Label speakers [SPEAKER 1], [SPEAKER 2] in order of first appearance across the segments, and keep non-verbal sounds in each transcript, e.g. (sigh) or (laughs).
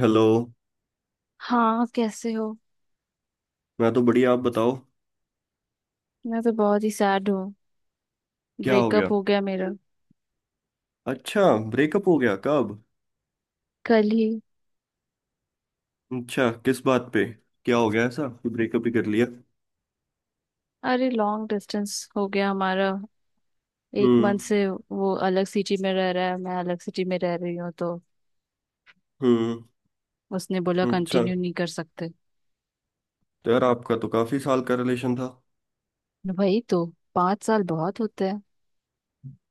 [SPEAKER 1] Hello.
[SPEAKER 2] हाँ। कैसे हो।
[SPEAKER 1] मैं तो बढ़िया। आप बताओ।
[SPEAKER 2] मैं तो बहुत ही सैड हूँ। बहुत
[SPEAKER 1] क्या हो
[SPEAKER 2] ब्रेकअप
[SPEAKER 1] गया?
[SPEAKER 2] हो गया मेरा।
[SPEAKER 1] अच्छा। ब्रेकअप हो गया कब?
[SPEAKER 2] कल ही।
[SPEAKER 1] अच्छा, किस बात पे? क्या हो गया ऐसा कि ब्रेकअप ही कर लिया?
[SPEAKER 2] अरे लॉन्ग डिस्टेंस हो गया हमारा। एक मंथ
[SPEAKER 1] हम्म।
[SPEAKER 2] से वो अलग सिटी में रह रहा है, मैं अलग सिटी में रह रही हूँ, तो
[SPEAKER 1] हम्म।
[SPEAKER 2] उसने बोला
[SPEAKER 1] अच्छा।
[SPEAKER 2] कंटिन्यू नहीं कर सकते।
[SPEAKER 1] तो यार, आपका तो काफी साल का रिलेशन था।
[SPEAKER 2] वही तो। पाँच साल बहुत होते हैं।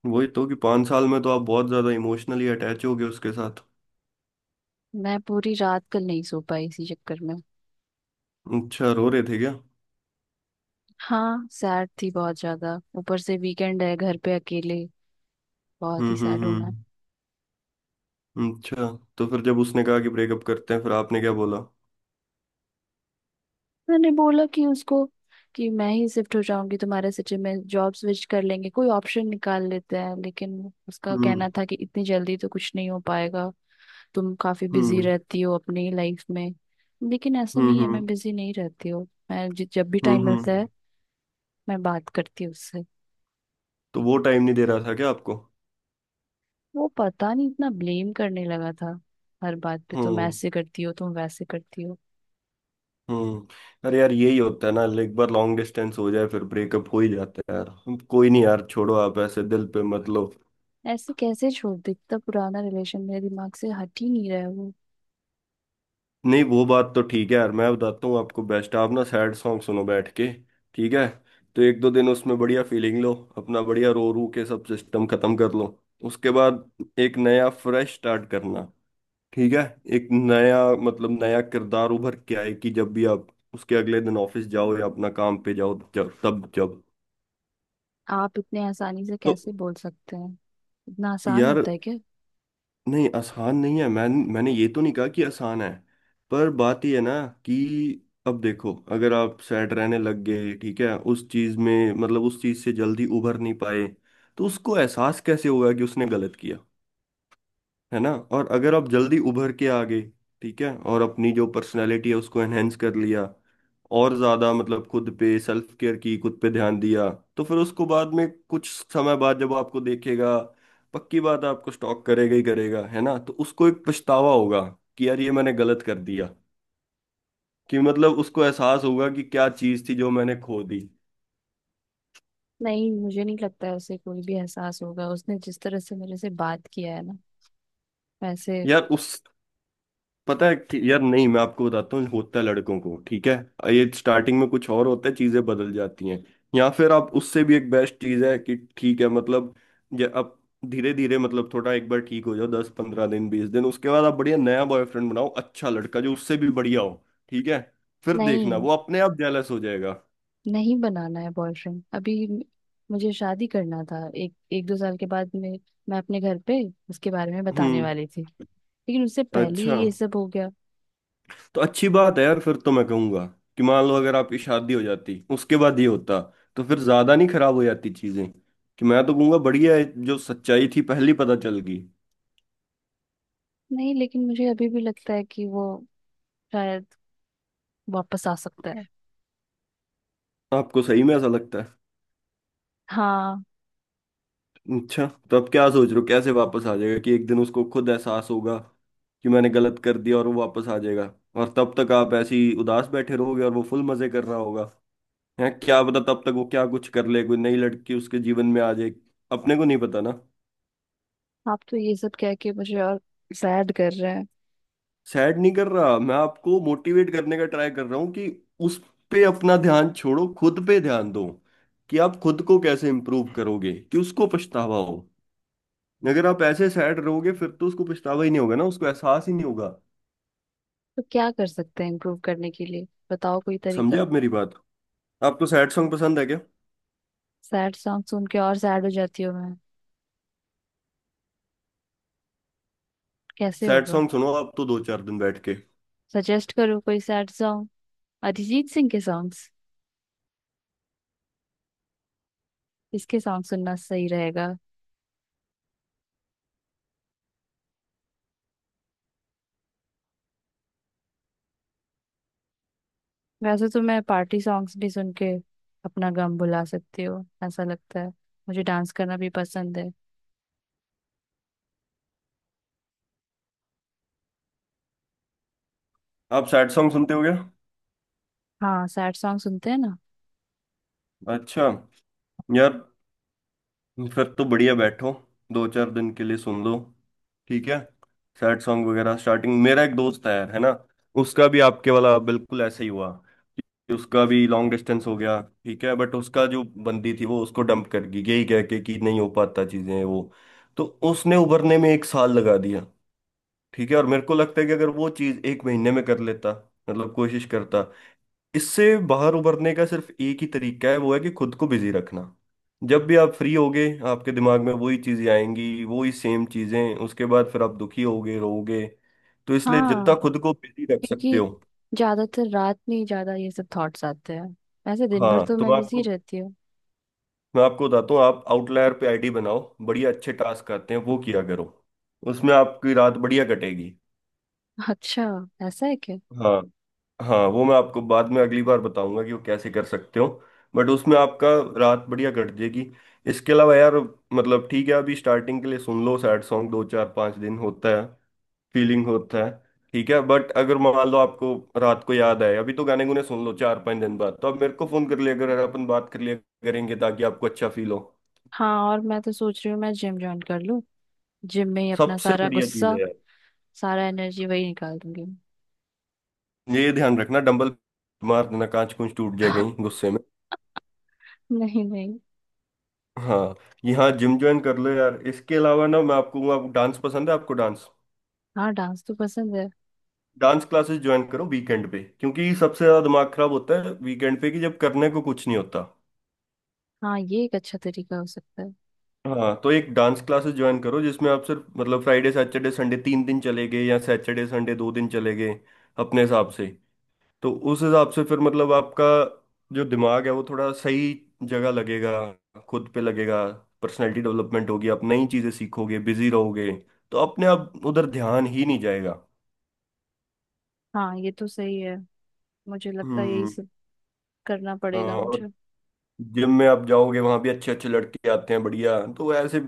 [SPEAKER 1] वही तो कि 5 साल में तो आप बहुत ज्यादा इमोशनली अटैच हो गए उसके साथ।
[SPEAKER 2] मैं पूरी रात कल नहीं सो पाई इसी चक्कर में।
[SPEAKER 1] अच्छा, रो रहे थे क्या?
[SPEAKER 2] हाँ, सैड थी बहुत ज्यादा, ऊपर से वीकेंड है, घर पे अकेले। बहुत ही
[SPEAKER 1] हम्म।
[SPEAKER 2] सैड हूँ मैं।
[SPEAKER 1] हम्म। हम्म। अच्छा। तो फिर जब उसने कहा कि ब्रेकअप करते हैं, फिर आपने क्या बोला?
[SPEAKER 2] मैंने बोला कि उसको कि मैं ही शिफ्ट हो जाऊंगी तुम्हारे सिटी में, जॉब स्विच कर लेंगे, कोई ऑप्शन निकाल लेते हैं, लेकिन उसका
[SPEAKER 1] हम्म।
[SPEAKER 2] कहना था कि इतनी जल्दी तो कुछ नहीं हो पाएगा। तुम काफी बिजी
[SPEAKER 1] हम्म।
[SPEAKER 2] रहती हो अपनी लाइफ में। लेकिन ऐसा
[SPEAKER 1] हम्म।
[SPEAKER 2] नहीं है,
[SPEAKER 1] हम्म।
[SPEAKER 2] मैं बिजी नहीं रहती हूँ। मैं जब भी
[SPEAKER 1] हम्म।
[SPEAKER 2] टाइम मिलता
[SPEAKER 1] हम्म।
[SPEAKER 2] है मैं बात करती हूँ उससे।
[SPEAKER 1] तो वो टाइम नहीं दे रहा था क्या आपको?
[SPEAKER 2] वो पता नहीं इतना ब्लेम करने लगा था। हर बात पे तुम
[SPEAKER 1] हम्म।
[SPEAKER 2] ऐसे करती हो, तुम वैसे करती हो।
[SPEAKER 1] हम्म। अरे यार, यही होता है ना, like, एक बार लॉन्ग डिस्टेंस हो जाए फिर ब्रेकअप हो ही जाता है यार। कोई नहीं यार, छोड़ो, आप ऐसे दिल पे मत लो।
[SPEAKER 2] ऐसे कैसे छोड़ दे इतना पुराना रिलेशन? मेरे दिमाग से हट ही नहीं रहा है वो।
[SPEAKER 1] नहीं, वो बात तो ठीक है यार। मैं बताता हूँ आपको बेस्ट। आप ना सैड सॉन्ग सुनो बैठ के। ठीक है। तो एक दो दिन उसमें बढ़िया फीलिंग लो, अपना बढ़िया रो रू के सब सिस्टम खत्म कर लो। उसके बाद एक नया फ्रेश स्टार्ट करना। ठीक है। एक नया, मतलब नया किरदार उभर के आए कि जब भी आप, उसके अगले दिन ऑफिस जाओ या अपना काम पे जाओ, जब तब जब।
[SPEAKER 2] आप इतने आसानी से
[SPEAKER 1] तो
[SPEAKER 2] कैसे बोल सकते हैं? इतना आसान
[SPEAKER 1] यार,
[SPEAKER 2] होता है क्या?
[SPEAKER 1] नहीं आसान नहीं है। मैंने ये तो नहीं कहा कि आसान है। पर बात ये है ना कि, अब देखो, अगर आप सैड रहने लग गए, ठीक है, उस चीज में, मतलब उस चीज से जल्दी उभर नहीं पाए, तो उसको एहसास कैसे होगा कि उसने गलत किया, है ना। और अगर आप जल्दी उभर के आ गए, ठीक है, और अपनी जो पर्सनैलिटी है उसको एनहेंस कर लिया, और ज्यादा, मतलब खुद पे सेल्फ केयर की, खुद पे ध्यान दिया, तो फिर उसको बाद में कुछ समय बाद जब आपको देखेगा, पक्की बात है, आपको स्टॉक करेगा ही करेगा, है ना, तो उसको एक पछतावा होगा कि यार ये मैंने गलत कर दिया। कि मतलब उसको एहसास होगा कि क्या चीज थी जो मैंने खो दी।
[SPEAKER 2] नहीं, मुझे नहीं लगता है उसे कोई भी एहसास होगा। उसने जिस तरह से मेरे से बात किया है ना, वैसे।
[SPEAKER 1] यार, उस पता है कि- यार नहीं, मैं आपको बताता हूँ, होता है लड़कों को, ठीक है। ये स्टार्टिंग में कुछ और होता है, चीजें बदल जाती हैं। या फिर आप उससे भी, एक बेस्ट चीज है कि ठीक है, मतलब ये अब, धीरे धीरे, मतलब थोड़ा एक बार ठीक हो जाओ, 10-15 दिन 20 दिन, उसके बाद आप बढ़िया नया बॉयफ्रेंड बनाओ, अच्छा लड़का जो उससे भी बढ़िया हो, ठीक है, फिर देखना
[SPEAKER 2] नहीं
[SPEAKER 1] वो अपने आप जेलस हो जाएगा।
[SPEAKER 2] नहीं, बनाना है बॉयफ्रेंड अभी? मुझे शादी करना था एक एक दो साल के बाद। मैं अपने घर पे उसके बारे में बताने
[SPEAKER 1] हम्म।
[SPEAKER 2] वाली थी, लेकिन उससे पहले
[SPEAKER 1] अच्छा।
[SPEAKER 2] ही ये सब हो गया।
[SPEAKER 1] तो अच्छी बात है यार, फिर तो मैं कहूंगा कि मान लो अगर आपकी शादी हो जाती, उसके बाद ये होता, तो फिर ज्यादा नहीं खराब हो जाती चीजें। कि मैं तो कहूंगा बढ़िया है, जो सच्चाई थी पहली पता चल गई।
[SPEAKER 2] नहीं, लेकिन मुझे अभी भी लगता है कि वो शायद वापस आ सकता है।
[SPEAKER 1] आपको सही में ऐसा लगता है?
[SPEAKER 2] हाँ।
[SPEAKER 1] अच्छा। तो अब क्या सोच रहे हो, कैसे वापस आ जाएगा? कि एक दिन उसको खुद एहसास होगा कि मैंने गलत कर दिया और वो वापस आ जाएगा? और तब तक आप ऐसे ही उदास बैठे रहोगे और वो फुल मजे कर रहा होगा। हैं, क्या पता तब तक वो क्या कुछ कर ले, कोई नई लड़की उसके जीवन में आ जाए, अपने को नहीं पता ना।
[SPEAKER 2] आप तो ये सब कह के मुझे और सैड कर रहे हैं।
[SPEAKER 1] सैड नहीं कर रहा मैं आपको, मोटिवेट करने का ट्राई कर रहा हूँ कि उस पे अपना ध्यान छोड़ो, खुद पे ध्यान दो, कि आप खुद को कैसे इम्प्रूव करोगे कि उसको पछतावा हो। अगर आप ऐसे सैड रहोगे फिर तो उसको पछतावा ही नहीं होगा ना, उसको एहसास ही नहीं होगा।
[SPEAKER 2] तो क्या कर सकते हैं इम्प्रूव करने के लिए? बताओ कोई
[SPEAKER 1] समझे
[SPEAKER 2] तरीका।
[SPEAKER 1] आप मेरी बात? आपको सैड सॉन्ग पसंद है क्या?
[SPEAKER 2] सैड सॉन्ग सुन के और सैड हो जाती हूँ मैं। कैसे
[SPEAKER 1] सैड
[SPEAKER 2] होगा?
[SPEAKER 1] सॉन्ग सुनो आप तो दो चार दिन बैठ के।
[SPEAKER 2] सजेस्ट करो कोई सैड सॉन्ग। अरिजीत सिंह के सॉन्ग्स, इसके सॉन्ग सुनना सही रहेगा। वैसे तो मैं पार्टी सॉन्ग्स भी सुन के अपना गम भुला सकती हूँ, ऐसा लगता है। मुझे डांस करना भी पसंद है।
[SPEAKER 1] आप सैड सॉन्ग सुनते हो क्या?
[SPEAKER 2] हाँ, सैड सॉन्ग सुनते हैं ना।
[SPEAKER 1] अच्छा। यार, फिर तो बढ़िया बैठो, दो चार दिन के लिए सुन लो। ठीक है। सैड सॉन्ग वगैरह स्टार्टिंग, मेरा एक दोस्त है ना, उसका भी आपके वाला बिल्कुल ऐसा ही हुआ, कि उसका भी लॉन्ग डिस्टेंस हो गया, ठीक है, बट उसका जो बंदी थी वो उसको डंप कर गई, यही कह के कि नहीं हो पाता चीजें वो। तो उसने उभरने में एक साल लगा दिया। ठीक है, और मेरे को लगता है कि अगर वो चीज एक महीने में कर लेता, मतलब कोशिश करता। इससे बाहर उबरने का सिर्फ एक ही तरीका है, वो है कि खुद को बिजी रखना। जब भी आप फ्री होगे आपके दिमाग में वही चीजें आएंगी, वही सेम चीजें, उसके बाद फिर आप दुखी होगे, रोओगे। तो इसलिए जितना
[SPEAKER 2] हाँ।
[SPEAKER 1] खुद को बिजी रख सकते हो।
[SPEAKER 2] क्योंकि ज्यादातर रात में ही ज्यादा ये सब थॉट्स आते हैं। वैसे दिन भर
[SPEAKER 1] हाँ,
[SPEAKER 2] तो
[SPEAKER 1] तो
[SPEAKER 2] मैं
[SPEAKER 1] मैं
[SPEAKER 2] बिजी
[SPEAKER 1] आपको
[SPEAKER 2] रहती हूँ।
[SPEAKER 1] मैं आपको बताता हूँ, आप आउटलायर पे आईडी बनाओ, बढ़िया अच्छे टास्क आते हैं, वो किया करो, उसमें आपकी रात बढ़िया कटेगी।
[SPEAKER 2] अच्छा, ऐसा है क्या?
[SPEAKER 1] हाँ। हाँ, वो मैं आपको बाद में अगली बार बताऊंगा कि वो कैसे कर सकते हो, बट उसमें आपका रात बढ़िया कट जाएगी। इसके अलावा यार, मतलब ठीक है, अभी स्टार्टिंग के लिए सुन लो सैड सॉन्ग, दो चार पाँच दिन होता है, फीलिंग होता है। ठीक है, बट अगर मान लो आपको रात को याद आए, अभी तो गाने गुने सुन लो, चार पाँच दिन बाद तो आप मेरे को फोन कर लिया, अगर अपन बात कर लिया करेंगे, ताकि आपको अच्छा फील हो।
[SPEAKER 2] हाँ। और मैं तो सोच रही हूँ मैं जिम ज्वाइन कर लूँ। जिम में ही अपना
[SPEAKER 1] सबसे
[SPEAKER 2] सारा
[SPEAKER 1] बढ़िया चीज़
[SPEAKER 2] गुस्सा,
[SPEAKER 1] है यार।
[SPEAKER 2] सारा एनर्जी वही निकाल दूंगी।
[SPEAKER 1] ये ध्यान रखना, डंबल मार देना, कांच कुंच टूट जाएगा ही
[SPEAKER 2] (laughs)
[SPEAKER 1] गुस्से में।
[SPEAKER 2] नहीं नहीं।
[SPEAKER 1] हाँ, यहाँ जिम ज्वाइन कर लो यार। इसके अलावा ना, मैं आपको आपको डांस पसंद है? आपको डांस
[SPEAKER 2] हाँ, डांस तो पसंद है।
[SPEAKER 1] डांस क्लासेस ज्वाइन करो वीकेंड पे, क्योंकि सबसे ज्यादा दिमाग खराब होता है वीकेंड पे कि जब करने को कुछ नहीं होता।
[SPEAKER 2] हाँ, ये एक अच्छा तरीका हो सकता है।
[SPEAKER 1] हाँ, तो एक डांस क्लासेस ज्वाइन करो जिसमें आप सिर्फ, मतलब फ्राइडे सैटरडे संडे 3 दिन चले गए या सैटरडे संडे 2 दिन चले गए, अपने हिसाब से। तो उस हिसाब से फिर मतलब आपका जो दिमाग है वो थोड़ा सही जगह लगेगा, खुद पे लगेगा, पर्सनैलिटी डेवलपमेंट होगी, आप नई चीजें सीखोगे, बिजी रहोगे, तो अपने आप उधर ध्यान ही नहीं जाएगा।
[SPEAKER 2] हाँ, ये तो सही है। मुझे लगता है यही
[SPEAKER 1] हम्म।
[SPEAKER 2] सब करना
[SPEAKER 1] हाँ,
[SPEAKER 2] पड़ेगा
[SPEAKER 1] और,
[SPEAKER 2] मुझे।
[SPEAKER 1] जिम में आप जाओगे वहां भी अच्छे अच्छे लड़के आते हैं बढ़िया, तो ऐसे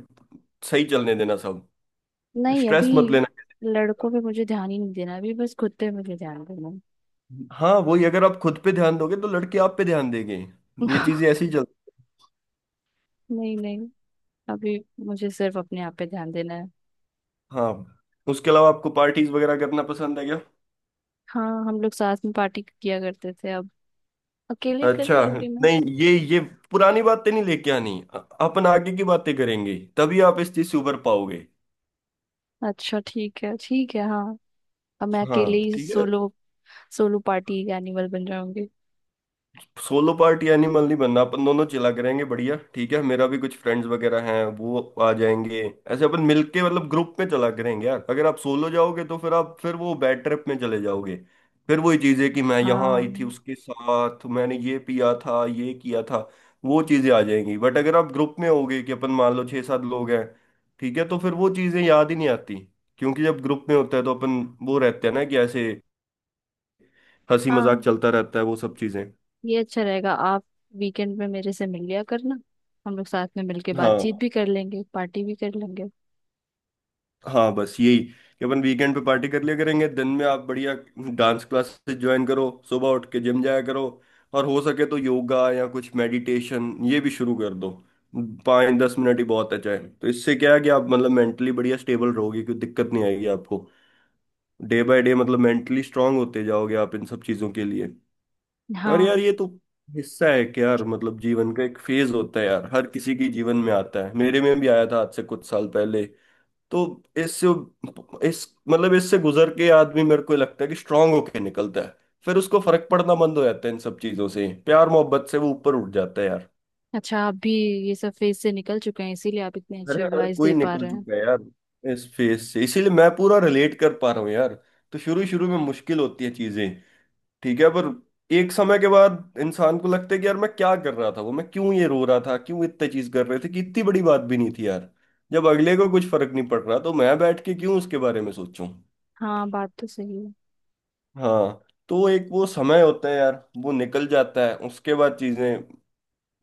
[SPEAKER 1] सही चलने देना सब,
[SPEAKER 2] नहीं, अभी
[SPEAKER 1] स्ट्रेस मत लेना।
[SPEAKER 2] लड़कों पे मुझे ध्यान ही नहीं देना, अभी बस खुद पे मुझे ध्यान देना है।
[SPEAKER 1] हाँ, वही, अगर आप खुद पे ध्यान दोगे तो लड़के आप पे ध्यान देंगे, ये चीजें
[SPEAKER 2] (laughs)
[SPEAKER 1] ऐसी चल।
[SPEAKER 2] नहीं नहीं, अभी मुझे सिर्फ अपने आप पे ध्यान देना है।
[SPEAKER 1] हाँ, उसके अलावा आपको पार्टीज वगैरह करना पसंद है?
[SPEAKER 2] हाँ, हम लोग साथ में पार्टी किया करते थे। अब अकेले कर
[SPEAKER 1] अच्छा।
[SPEAKER 2] लूंगी मैं।
[SPEAKER 1] नहीं, ये पुरानी बातें नहीं लेके आनी, अपन आगे की बातें करेंगे तभी आप इस चीज से उबर पाओगे।
[SPEAKER 2] अच्छा, ठीक है ठीक है, हाँ। अब मैं अकेले
[SPEAKER 1] हाँ,
[SPEAKER 2] ही
[SPEAKER 1] ठीक है।
[SPEAKER 2] सोलो। सोलो पार्टी एनिमल बन जाऊंगी।
[SPEAKER 1] सोलो पार्टी एनिमल नहीं बनना, अपन दोनों चिला करेंगे बढ़िया, ठीक है। मेरा भी कुछ फ्रेंड्स वगैरह हैं, वो आ जाएंगे। ऐसे अपन मिलके, मतलब ग्रुप में चला करेंगे यार। अगर आप सोलो जाओगे तो फिर आप, फिर वो बैड ट्रिप में चले जाओगे, फिर वही चीजें कि मैं यहाँ आई थी
[SPEAKER 2] हाँ।
[SPEAKER 1] उसके साथ, मैंने ये पिया था, ये किया था, वो चीजें आ जाएंगी। बट अगर आप ग्रुप में होगे, कि अपन मान लो छः सात लोग हैं, ठीक है, तो फिर वो चीजें याद ही नहीं आती, क्योंकि जब ग्रुप में होता है तो अपन वो रहते हैं ना कि ऐसे, हंसी मजाक
[SPEAKER 2] हाँ,
[SPEAKER 1] चलता रहता है, वो सब चीजें।
[SPEAKER 2] ये अच्छा रहेगा। आप वीकेंड में मेरे से मिल लिया करना। हम लोग साथ में मिलके
[SPEAKER 1] हाँ।
[SPEAKER 2] बातचीत भी कर लेंगे, पार्टी भी कर लेंगे।
[SPEAKER 1] हाँ, बस यही कि अपन वीकेंड पे पार्टी कर लिया करेंगे, दिन में आप बढ़िया डांस क्लासेस ज्वाइन करो, सुबह उठ के जिम जाया करो, और हो सके तो योगा या कुछ मेडिटेशन ये भी शुरू कर दो। 5-10 मिनट ही बहुत है चाहे तो, इससे क्या है कि आप मतलब मेंटली बढ़िया स्टेबल रहोगे, कोई दिक्कत नहीं आएगी आपको, डे बाय डे मतलब मेंटली स्ट्रांग होते जाओगे आप इन सब चीज़ों के लिए। और यार,
[SPEAKER 2] हाँ।
[SPEAKER 1] ये तो हिस्सा है कि यार मतलब जीवन का एक फेज होता है यार, हर किसी की जीवन में आता है, मेरे में भी आया था आज से कुछ साल पहले। तो इससे, इस मतलब इससे गुजर के आदमी मेरे को लगता है कि स्ट्रांग होके निकलता है। फिर उसको फर्क पड़ना बंद हो जाता है इन सब चीजों से, प्यार मोहब्बत से वो ऊपर उठ जाता है यार।
[SPEAKER 2] अच्छा, आप भी ये सब फेज से निकल चुके हैं, इसीलिए आप इतनी अच्छी
[SPEAKER 1] अरे, हर
[SPEAKER 2] एडवाइस दे
[SPEAKER 1] कोई
[SPEAKER 2] पा
[SPEAKER 1] निकल
[SPEAKER 2] रहे हैं।
[SPEAKER 1] चुका है यार इस फेज से, इसीलिए मैं पूरा रिलेट कर पा रहा हूँ यार। तो शुरू शुरू में मुश्किल होती है चीजें, ठीक है, पर एक समय के बाद इंसान को लगता है कि यार मैं क्या कर रहा था, वो मैं क्यों ये रो रहा था, क्यों इतनी चीज कर रहे थे, कि इतनी बड़ी बात भी नहीं थी यार। जब अगले को कुछ फर्क नहीं पड़ रहा तो मैं बैठ के क्यों उसके बारे में सोचूं।
[SPEAKER 2] हाँ, बात तो सही है।
[SPEAKER 1] हाँ, तो एक वो समय होता है यार, वो निकल जाता है उसके बाद चीजें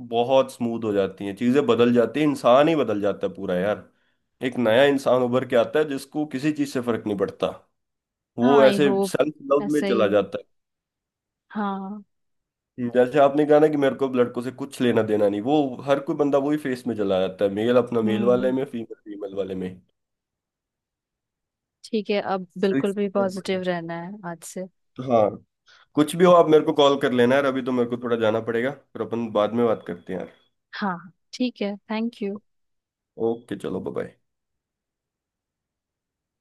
[SPEAKER 1] बहुत स्मूथ हो जाती हैं, चीजें बदल जाती हैं, इंसान ही बदल जाता है पूरा यार। एक नया इंसान उभर के आता है जिसको किसी चीज से फर्क नहीं पड़ता,
[SPEAKER 2] हाँ,
[SPEAKER 1] वो
[SPEAKER 2] आई
[SPEAKER 1] ऐसे
[SPEAKER 2] होप
[SPEAKER 1] सेल्फ लव में
[SPEAKER 2] ऐसा ही
[SPEAKER 1] चला
[SPEAKER 2] हो।
[SPEAKER 1] जाता
[SPEAKER 2] हाँ।
[SPEAKER 1] है, जैसे आपने कहा ना कि मेरे को अब लड़कों से कुछ लेना देना नहीं वो, हर कोई बंदा वही फेस में चला जाता है, मेल अपना मेल वाले
[SPEAKER 2] हम्म,
[SPEAKER 1] में, फीमेल फीमेल वाले में।
[SPEAKER 2] ठीक है। अब
[SPEAKER 1] तो
[SPEAKER 2] बिल्कुल भी
[SPEAKER 1] इसलिए यार
[SPEAKER 2] पॉजिटिव
[SPEAKER 1] बढ़िया।
[SPEAKER 2] रहना है आज से।
[SPEAKER 1] हाँ, कुछ भी हो आप मेरे को कॉल कर लेना यार, अभी तो मेरे को थोड़ा जाना पड़ेगा, फिर अपन बाद में बात करते हैं यार।
[SPEAKER 2] हाँ, ठीक है, थैंक यू।
[SPEAKER 1] ओके, चलो बाय।